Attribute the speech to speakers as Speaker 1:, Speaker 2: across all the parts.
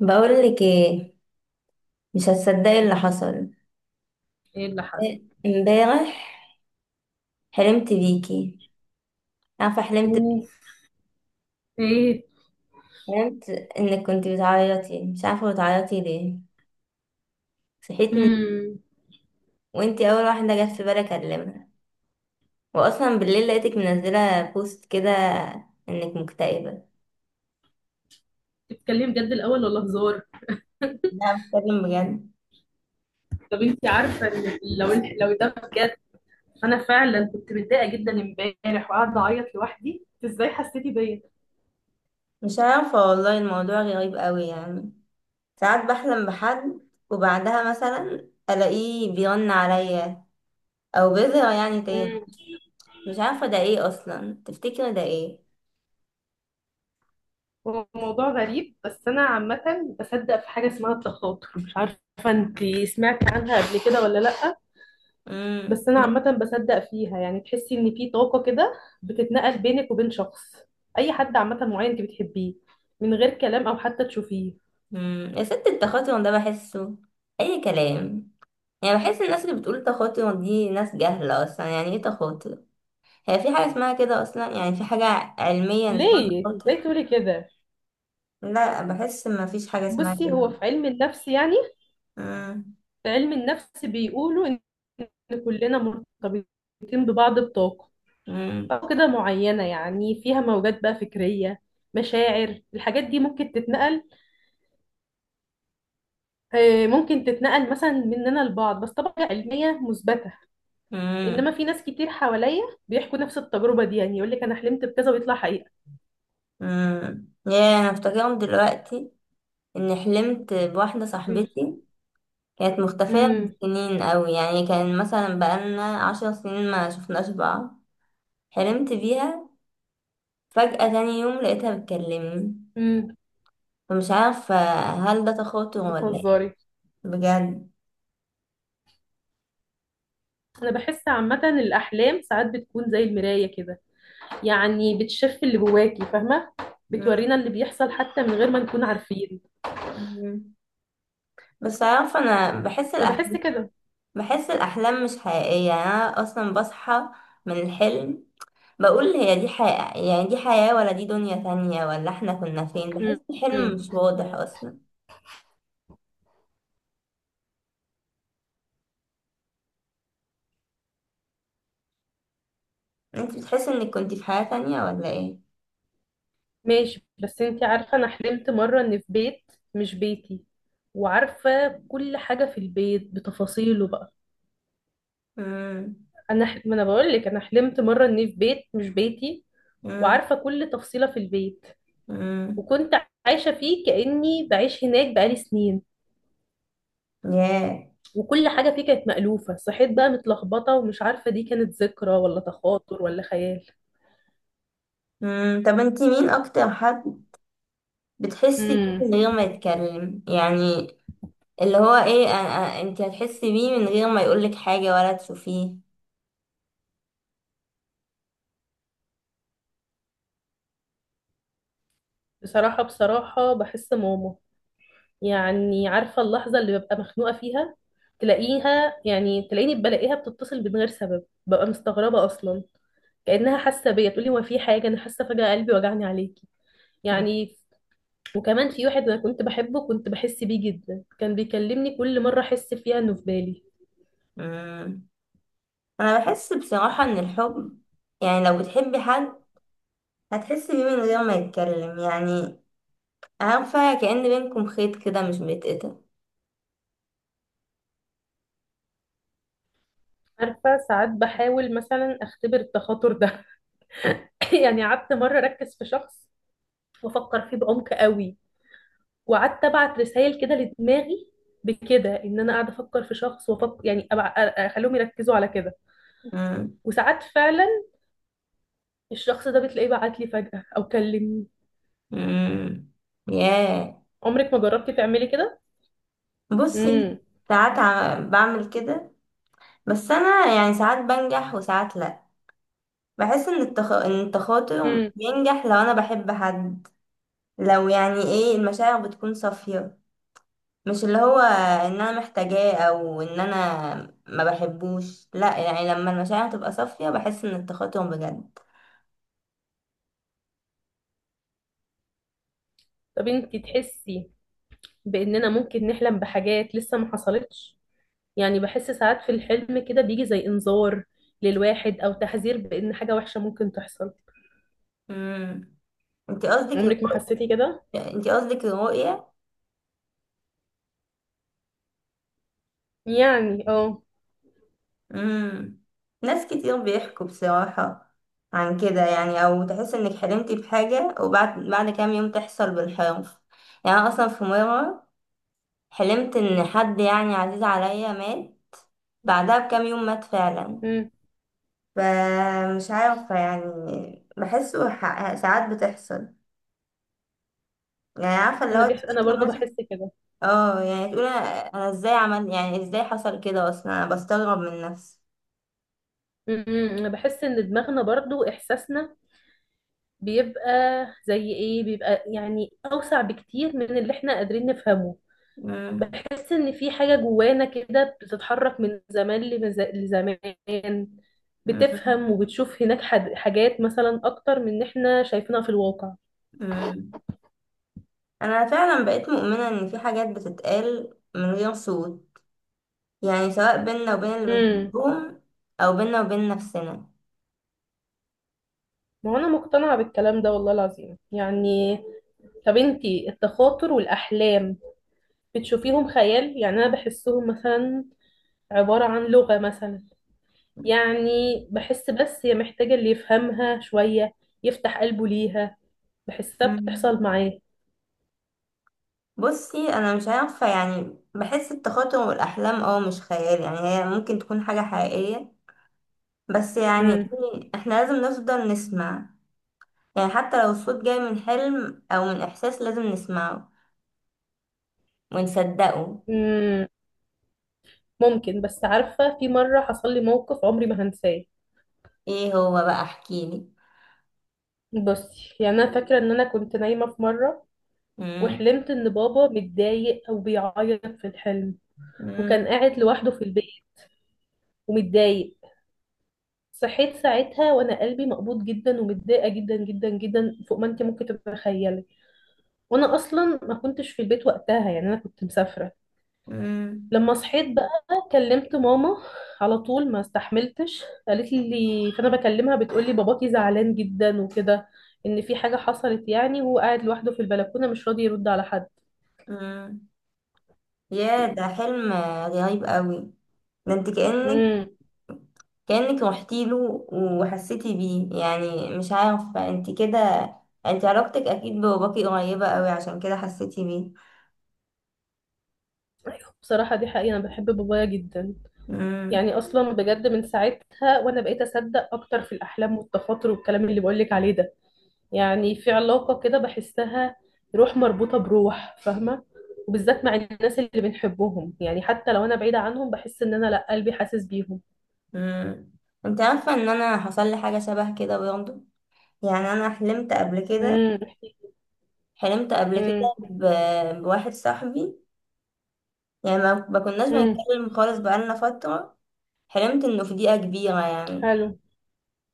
Speaker 1: بقولك ايه؟ مش هتصدقي اللي حصل
Speaker 2: ايه اللي حصل؟
Speaker 1: امبارح. حلمت بيكي، عارفه حلمت
Speaker 2: اوف. ايه؟
Speaker 1: حلمت انك كنت بتعيطي، مش عارفه بتعيطي ليه. صحيت من،
Speaker 2: امم.
Speaker 1: وانتي اول واحده جت في بالي اكلمها. واصلا بالليل لقيتك منزله بوست كده، انك مكتئبه.
Speaker 2: بتتكلمي بجد الاول ولا هزار؟
Speaker 1: لا، بتكلم بجد.
Speaker 2: طب انت عارفه ان لو ده بجد انا فعلا كنت متضايقه جدا امبارح وقاعده اعيط لوحدي. إنت ازاي حسيتي بيا؟
Speaker 1: مش عارفه والله، الموضوع غريب قوي. يعني ساعات بحلم بحد، وبعدها مثلا الاقيه بيرن عليا، او بيظهر يعني تاني.
Speaker 2: امم.
Speaker 1: مش عارفة ده ايه اصلا، تفتكر ده ايه؟
Speaker 2: هو موضوع غريب، بس انا عامه بصدق في حاجه اسمها التخاطر. مش عارفه، انت سمعتي عنها قبل كده ولا لا؟
Speaker 1: امم
Speaker 2: بس انا عامه بصدق فيها، يعني تحسي ان في طاقه كده بتتنقل بينك وبين شخص، اي حد عامه معين انت بتحبيه، من غير كلام او حتى تشوفيه.
Speaker 1: يا ست، التخاطر ده بحسه اي كلام. يعني بحس الناس اللي بتقول تخاطر دي ناس جهلة. اصلا يعني ايه تخاطر؟ هي في حاجة اسمها كده اصلا؟ يعني في حاجة علميا اسمها
Speaker 2: ليه، ازاي
Speaker 1: تخاطر؟
Speaker 2: تقولي كده؟
Speaker 1: لا، بحس ما فيش حاجة اسمها
Speaker 2: بصي، هو
Speaker 1: كده.
Speaker 2: في علم النفس يعني،
Speaker 1: امم
Speaker 2: في علم النفس بيقولوا ان كلنا مرتبطين ببعض بطاقة،
Speaker 1: امم
Speaker 2: طاقة كده معينة، يعني فيها موجات بقى فكرية، مشاعر، الحاجات دي ممكن تتنقل. ممكن تتنقل مثلا مننا لبعض، بس طبعا علمية مثبتة. انما
Speaker 1: امم
Speaker 2: في ناس كتير حواليا بيحكوا نفس التجربة دي، يعني يقول لك انا حلمت بكذا ويطلع حقيقة.
Speaker 1: يا انا افتكرهم دلوقتي، اني حلمت بواحدة صاحبتي كانت مختفية من
Speaker 2: امم.
Speaker 1: سنين قوي. يعني كان مثلا بقالنا 10 سنين ما شفناش بعض. حلمت بيها، فجأة تاني يوم لقيتها بتكلمني.
Speaker 2: امم.
Speaker 1: فمش عارفة، هل ده تخاطر ولا ايه؟
Speaker 2: بتهزري؟
Speaker 1: بجد.
Speaker 2: انا بحس عامة الاحلام ساعات بتكون زي المراية كده، يعني بتشف اللي جواكي، فاهمة؟
Speaker 1: مم.
Speaker 2: بتورينا اللي بيحصل حتى من غير ما نكون عارفين.
Speaker 1: مم. بس عارفة أنا بحس
Speaker 2: انا بحس
Speaker 1: الأحلام
Speaker 2: كده.
Speaker 1: بحس الأحلام مش حقيقية. يعني أنا أصلا بصحى من الحلم، بقول هي دي حقيقة؟ يعني دي حياة، ولا دي دنيا تانية، ولا احنا كنا فين؟
Speaker 2: م-
Speaker 1: بحس الحلم
Speaker 2: م.
Speaker 1: مش واضح أصلا. انت بتحس انك كنت في حياة تانية ولا ايه؟
Speaker 2: ماشي، بس انتي عارفة انا حلمت مرة ان في بيت، مش بيتي، وعارفة كل حاجة في البيت بتفاصيله بقى.
Speaker 1: مم.
Speaker 2: ما انا بقول لك انا حلمت مرة اني في بيت مش بيتي،
Speaker 1: مم.
Speaker 2: وعارفة كل تفصيلة في البيت.
Speaker 1: مم.
Speaker 2: وكنت عايشة فيه كأني بعيش هناك بقالي سنين،
Speaker 1: ياه.
Speaker 2: وكل حاجة فيه كانت مألوفة. صحيت بقى متلخبطة ومش عارفة دي كانت ذكرى ولا تخاطر ولا خيال.
Speaker 1: مم. طب انتي مين اكتر حد بتحسي
Speaker 2: امم.
Speaker 1: بيه من غير ما يتكلم يعني؟ اللي هو ايه، انتي هتحسي بيه من غير ما يقولك حاجة ولا تشوفيه؟
Speaker 2: بصراحة بحس ماما، يعني عارفة اللحظة اللي ببقى مخنوقة فيها تلاقيها، يعني تلاقيني بلاقيها بتتصل من غير سبب، ببقى مستغربة أصلا. كأنها حاسة بيا، تقولي هو في حاجة، أنا حاسة فجأة قلبي وجعني عليكي،
Speaker 1: مم.
Speaker 2: يعني. وكمان في واحد أنا كنت بحبه، كنت بحس بيه جدا، كان بيكلمني كل مرة أحس فيها إنه في بالي.
Speaker 1: مم. انا بحس بصراحة ان الحب، يعني لو بتحبي حد هتحسي بيه من غير ما يتكلم. يعني عارفة، كأن بينكم خيط كده مش بيتقطع.
Speaker 2: عارفة ساعات بحاول مثلا أختبر التخاطر ده يعني قعدت مرة أركز في شخص وأفكر فيه بعمق قوي، وقعدت ابعت رسائل كده لدماغي، بكده ان انا قاعده افكر في شخص وافكر، يعني اخليهم يركزوا على كده.
Speaker 1: مم.
Speaker 2: وساعات فعلا الشخص ده بتلاقيه بعت لي فجأة او كلمني.
Speaker 1: مم. ياه.
Speaker 2: عمرك ما جربتي تعملي كده؟
Speaker 1: بصي،
Speaker 2: امم.
Speaker 1: ساعات بعمل كده. بس انا يعني ساعات بنجح وساعات لا. بحس ان التخاطر
Speaker 2: امم.
Speaker 1: بينجح لو انا بحب حد. لو يعني ايه، المشاعر بتكون صافية. مش اللي هو ان انا محتاجاه، او ان انا ما بحبوش. لا يعني، لما المشاعر تبقى صافية بحس ان التخاطر بجد.
Speaker 2: طب انتي تحسي باننا ممكن نحلم بحاجات لسه ما حصلتش؟ يعني بحس ساعات في الحلم كده بيجي زي انذار للواحد، او تحذير بان حاجه وحشه ممكن تحصل.
Speaker 1: امم. انت قصدك
Speaker 2: عمرك ما
Speaker 1: الرؤ-
Speaker 2: حسيتي كده؟
Speaker 1: انت قصدك الرؤية؟
Speaker 2: يعني اه.
Speaker 1: امم. ناس كتير بيحكوا بصراحة عن كده، يعني او تحس انك حلمتي بحاجة، وبعد بعد كام يوم تحصل بالحرف. يعني أنا اصلا في مرة حلمت ان حد يعني عزيز عليا مات، بعدها بكام يوم مات فعلا.
Speaker 2: امم.
Speaker 1: فمش عارفة يعني. بحسه ساعات بتحصل. يعني عارفة اللي هو
Speaker 2: انا
Speaker 1: تفتكر
Speaker 2: برضو
Speaker 1: مثلا.
Speaker 2: بحس كده.
Speaker 1: اه يعني تقول، أنا ازاي عمل، يعني ازاي حصل كده اصلا؟ انا بستغرب من نفسي.
Speaker 2: أنا بحس ان دماغنا برضو احساسنا بيبقى، زي ايه بيبقى، يعني اوسع بكتير من اللي احنا قادرين نفهمه. بحس ان في حاجة جوانا كده بتتحرك من زمان لزمان، بتفهم وبتشوف هناك حاجات مثلا اكتر من ان احنا شايفينها في الواقع.
Speaker 1: امم. انا فعلا بقيت مؤمنة ان في حاجات بتتقال من غير صوت، يعني سواء بينا وبين اللي
Speaker 2: امم.
Speaker 1: بنحبهم، او بينا وبين نفسنا.
Speaker 2: ما هو انا مقتنعة بالكلام ده والله العظيم، يعني. طب انتي التخاطر والأحلام بتشوفيهم خيال؟ يعني أنا بحسهم مثلا عبارة عن لغة مثلا، يعني بحس بس هي محتاجة اللي يفهمها شوية، يفتح قلبه ليها، بحسها
Speaker 1: مم.
Speaker 2: بتحصل معاه.
Speaker 1: بصي، انا مش عارفة يعني. بحس التخاطر والاحلام اه مش خيال، يعني هي ممكن تكون حاجة حقيقية. بس يعني
Speaker 2: مم.
Speaker 1: إيه، احنا لازم نفضل نسمع. يعني حتى لو الصوت جاي من حلم او من احساس، لازم نسمعه ونصدقه.
Speaker 2: مم. ممكن، بس عارفة في مرة حصل لي موقف عمري ما هنساه.
Speaker 1: ايه هو بقى؟ احكيلي.
Speaker 2: بصي، يعني أنا فاكرة إن أنا كنت نايمة في مرة،
Speaker 1: مم.
Speaker 2: وحلمت إن بابا متضايق أو بيعيط في الحلم، وكان
Speaker 1: مم.
Speaker 2: قاعد لوحده في البيت ومتضايق. صحيت ساعتها وأنا قلبي مقبوض جدا ومتضايقة جدا جدا جدا، فوق ما أنت ممكن تتخيلي. وأنا أصلا ما كنتش في البيت وقتها، يعني أنا كنت مسافرة.
Speaker 1: مم.
Speaker 2: لما صحيت بقى كلمت ماما على طول، ما استحملتش. قالت لي، فانا بكلمها بتقول لي باباكي زعلان جدا وكده، ان في حاجه حصلت يعني، وهو قاعد لوحده في البلكونه مش راضي يرد على حد.
Speaker 1: مم. يا ده حلم رهيب قوي. ده انت كأنك
Speaker 2: امم.
Speaker 1: كأنك روحتي له وحسيتي بيه، يعني مش عارفة. انت كده، انت علاقتك اكيد بباباكي قريبة قوي عشان كده حسيتي بيه.
Speaker 2: بصراحه دي حقيقه، انا بحب بابايا جدا.
Speaker 1: امم.
Speaker 2: يعني اصلا بجد من ساعتها وانا بقيت اصدق اكتر في الاحلام والتخاطر والكلام اللي بقول لك عليه ده، يعني في علاقة كده بحسها، روح مربوطة بروح، فاهمة؟ وبالذات مع الناس اللي بنحبهم، يعني حتى لو أنا بعيدة عنهم بحس إن أنا لأ، قلبي حاسس بيهم.
Speaker 1: امم. انت عارفة ان انا حصل لي حاجة شبه كده برضه. يعني انا حلمت قبل كده
Speaker 2: امم.
Speaker 1: حلمت قبل
Speaker 2: امم.
Speaker 1: كده بواحد صاحبي. يعني ما كناش
Speaker 2: امم.
Speaker 1: بنتكلم خالص بقالنا فترة. حلمت انه في دقيقة كبيرة يعني،
Speaker 2: حلو.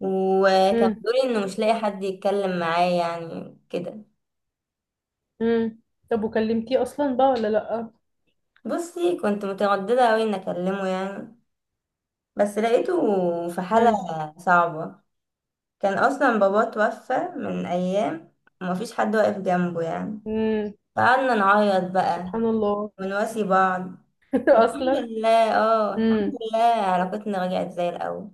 Speaker 1: وكان
Speaker 2: امم.
Speaker 1: بيقولي انه مش لاقي حد يتكلم معاه يعني كده.
Speaker 2: امم. طب وكلمتيه أصلا بقى ولا لأ؟
Speaker 1: بصي، كنت مترددة قوي ان اكلمه يعني، بس لقيته في حالة
Speaker 2: امم.
Speaker 1: صعبة. كان اصلا باباه توفى من ايام ومفيش حد واقف جنبه يعني.
Speaker 2: امم.
Speaker 1: فقعدنا نعيط بقى
Speaker 2: سبحان الله.
Speaker 1: ونواسي بعض. الحمد
Speaker 2: أصلا.
Speaker 1: لله، اه، الحمد
Speaker 2: امم.
Speaker 1: لله علاقتنا رجعت زي الاول.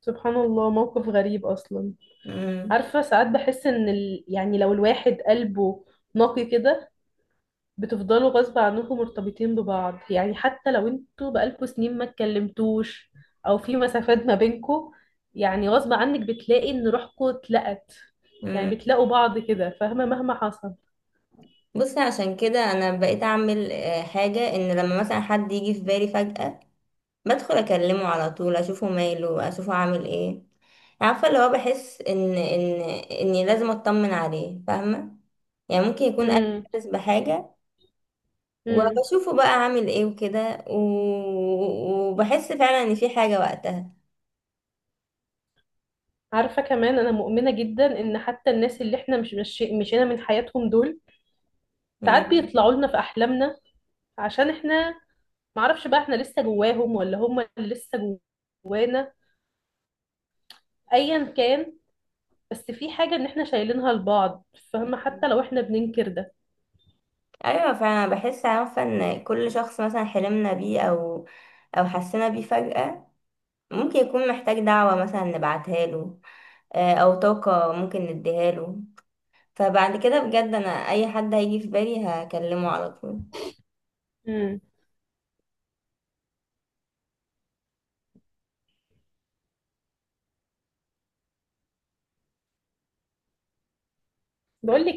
Speaker 2: سبحان الله، موقف غريب أصلا.
Speaker 1: امم.
Speaker 2: عارفة ساعات بحس إن يعني لو الواحد قلبه نقي كده بتفضلوا غصب عنكم مرتبطين ببعض، يعني حتى لو انتوا بقالكوا سنين ما اتكلمتوش او في مسافات ما بينكوا، يعني غصب عنك بتلاقي ان روحكوا اتلقت، يعني
Speaker 1: امم.
Speaker 2: بتلاقوا بعض كده، فاهمة؟ مهما حصل.
Speaker 1: بصي، عشان كده انا بقيت اعمل حاجة، ان لما مثلا حد يجي في بالي فجأة بدخل اكلمه على طول، اشوفه ماله، اشوفه عامل ايه. عارفه اللي هو بحس ان اني لازم اطمن عليه، فاهمه؟ يعني ممكن يكون انا
Speaker 2: امم.
Speaker 1: حاسس بحاجه.
Speaker 2: امم.
Speaker 1: وبشوفه بقى عامل ايه وكده، و- وبحس فعلا ان في حاجه وقتها.
Speaker 2: عارفة كمان انا مؤمنة جدا ان حتى الناس اللي احنا مش مشينا من حياتهم دول، ساعات
Speaker 1: مم.
Speaker 2: بيطلعوا لنا في احلامنا. عشان احنا معرفش بقى احنا لسه جواهم، ولا هم لسه جوانا. ايا كان، بس في حاجة ان احنا شايلينها لبعض، فاهمة؟ حتى لو احنا بننكر ده.
Speaker 1: ايوه فعلا، بحس عارفه ان كل شخص مثلا حلمنا بيه او حسينا بيه فجأة، ممكن يكون محتاج دعوة مثلا نبعتها له. او طاقة ممكن نديها له. فبعد كده بجد، انا اي حد هيجي في بالي هكلمه على طول.
Speaker 2: امم. بقولك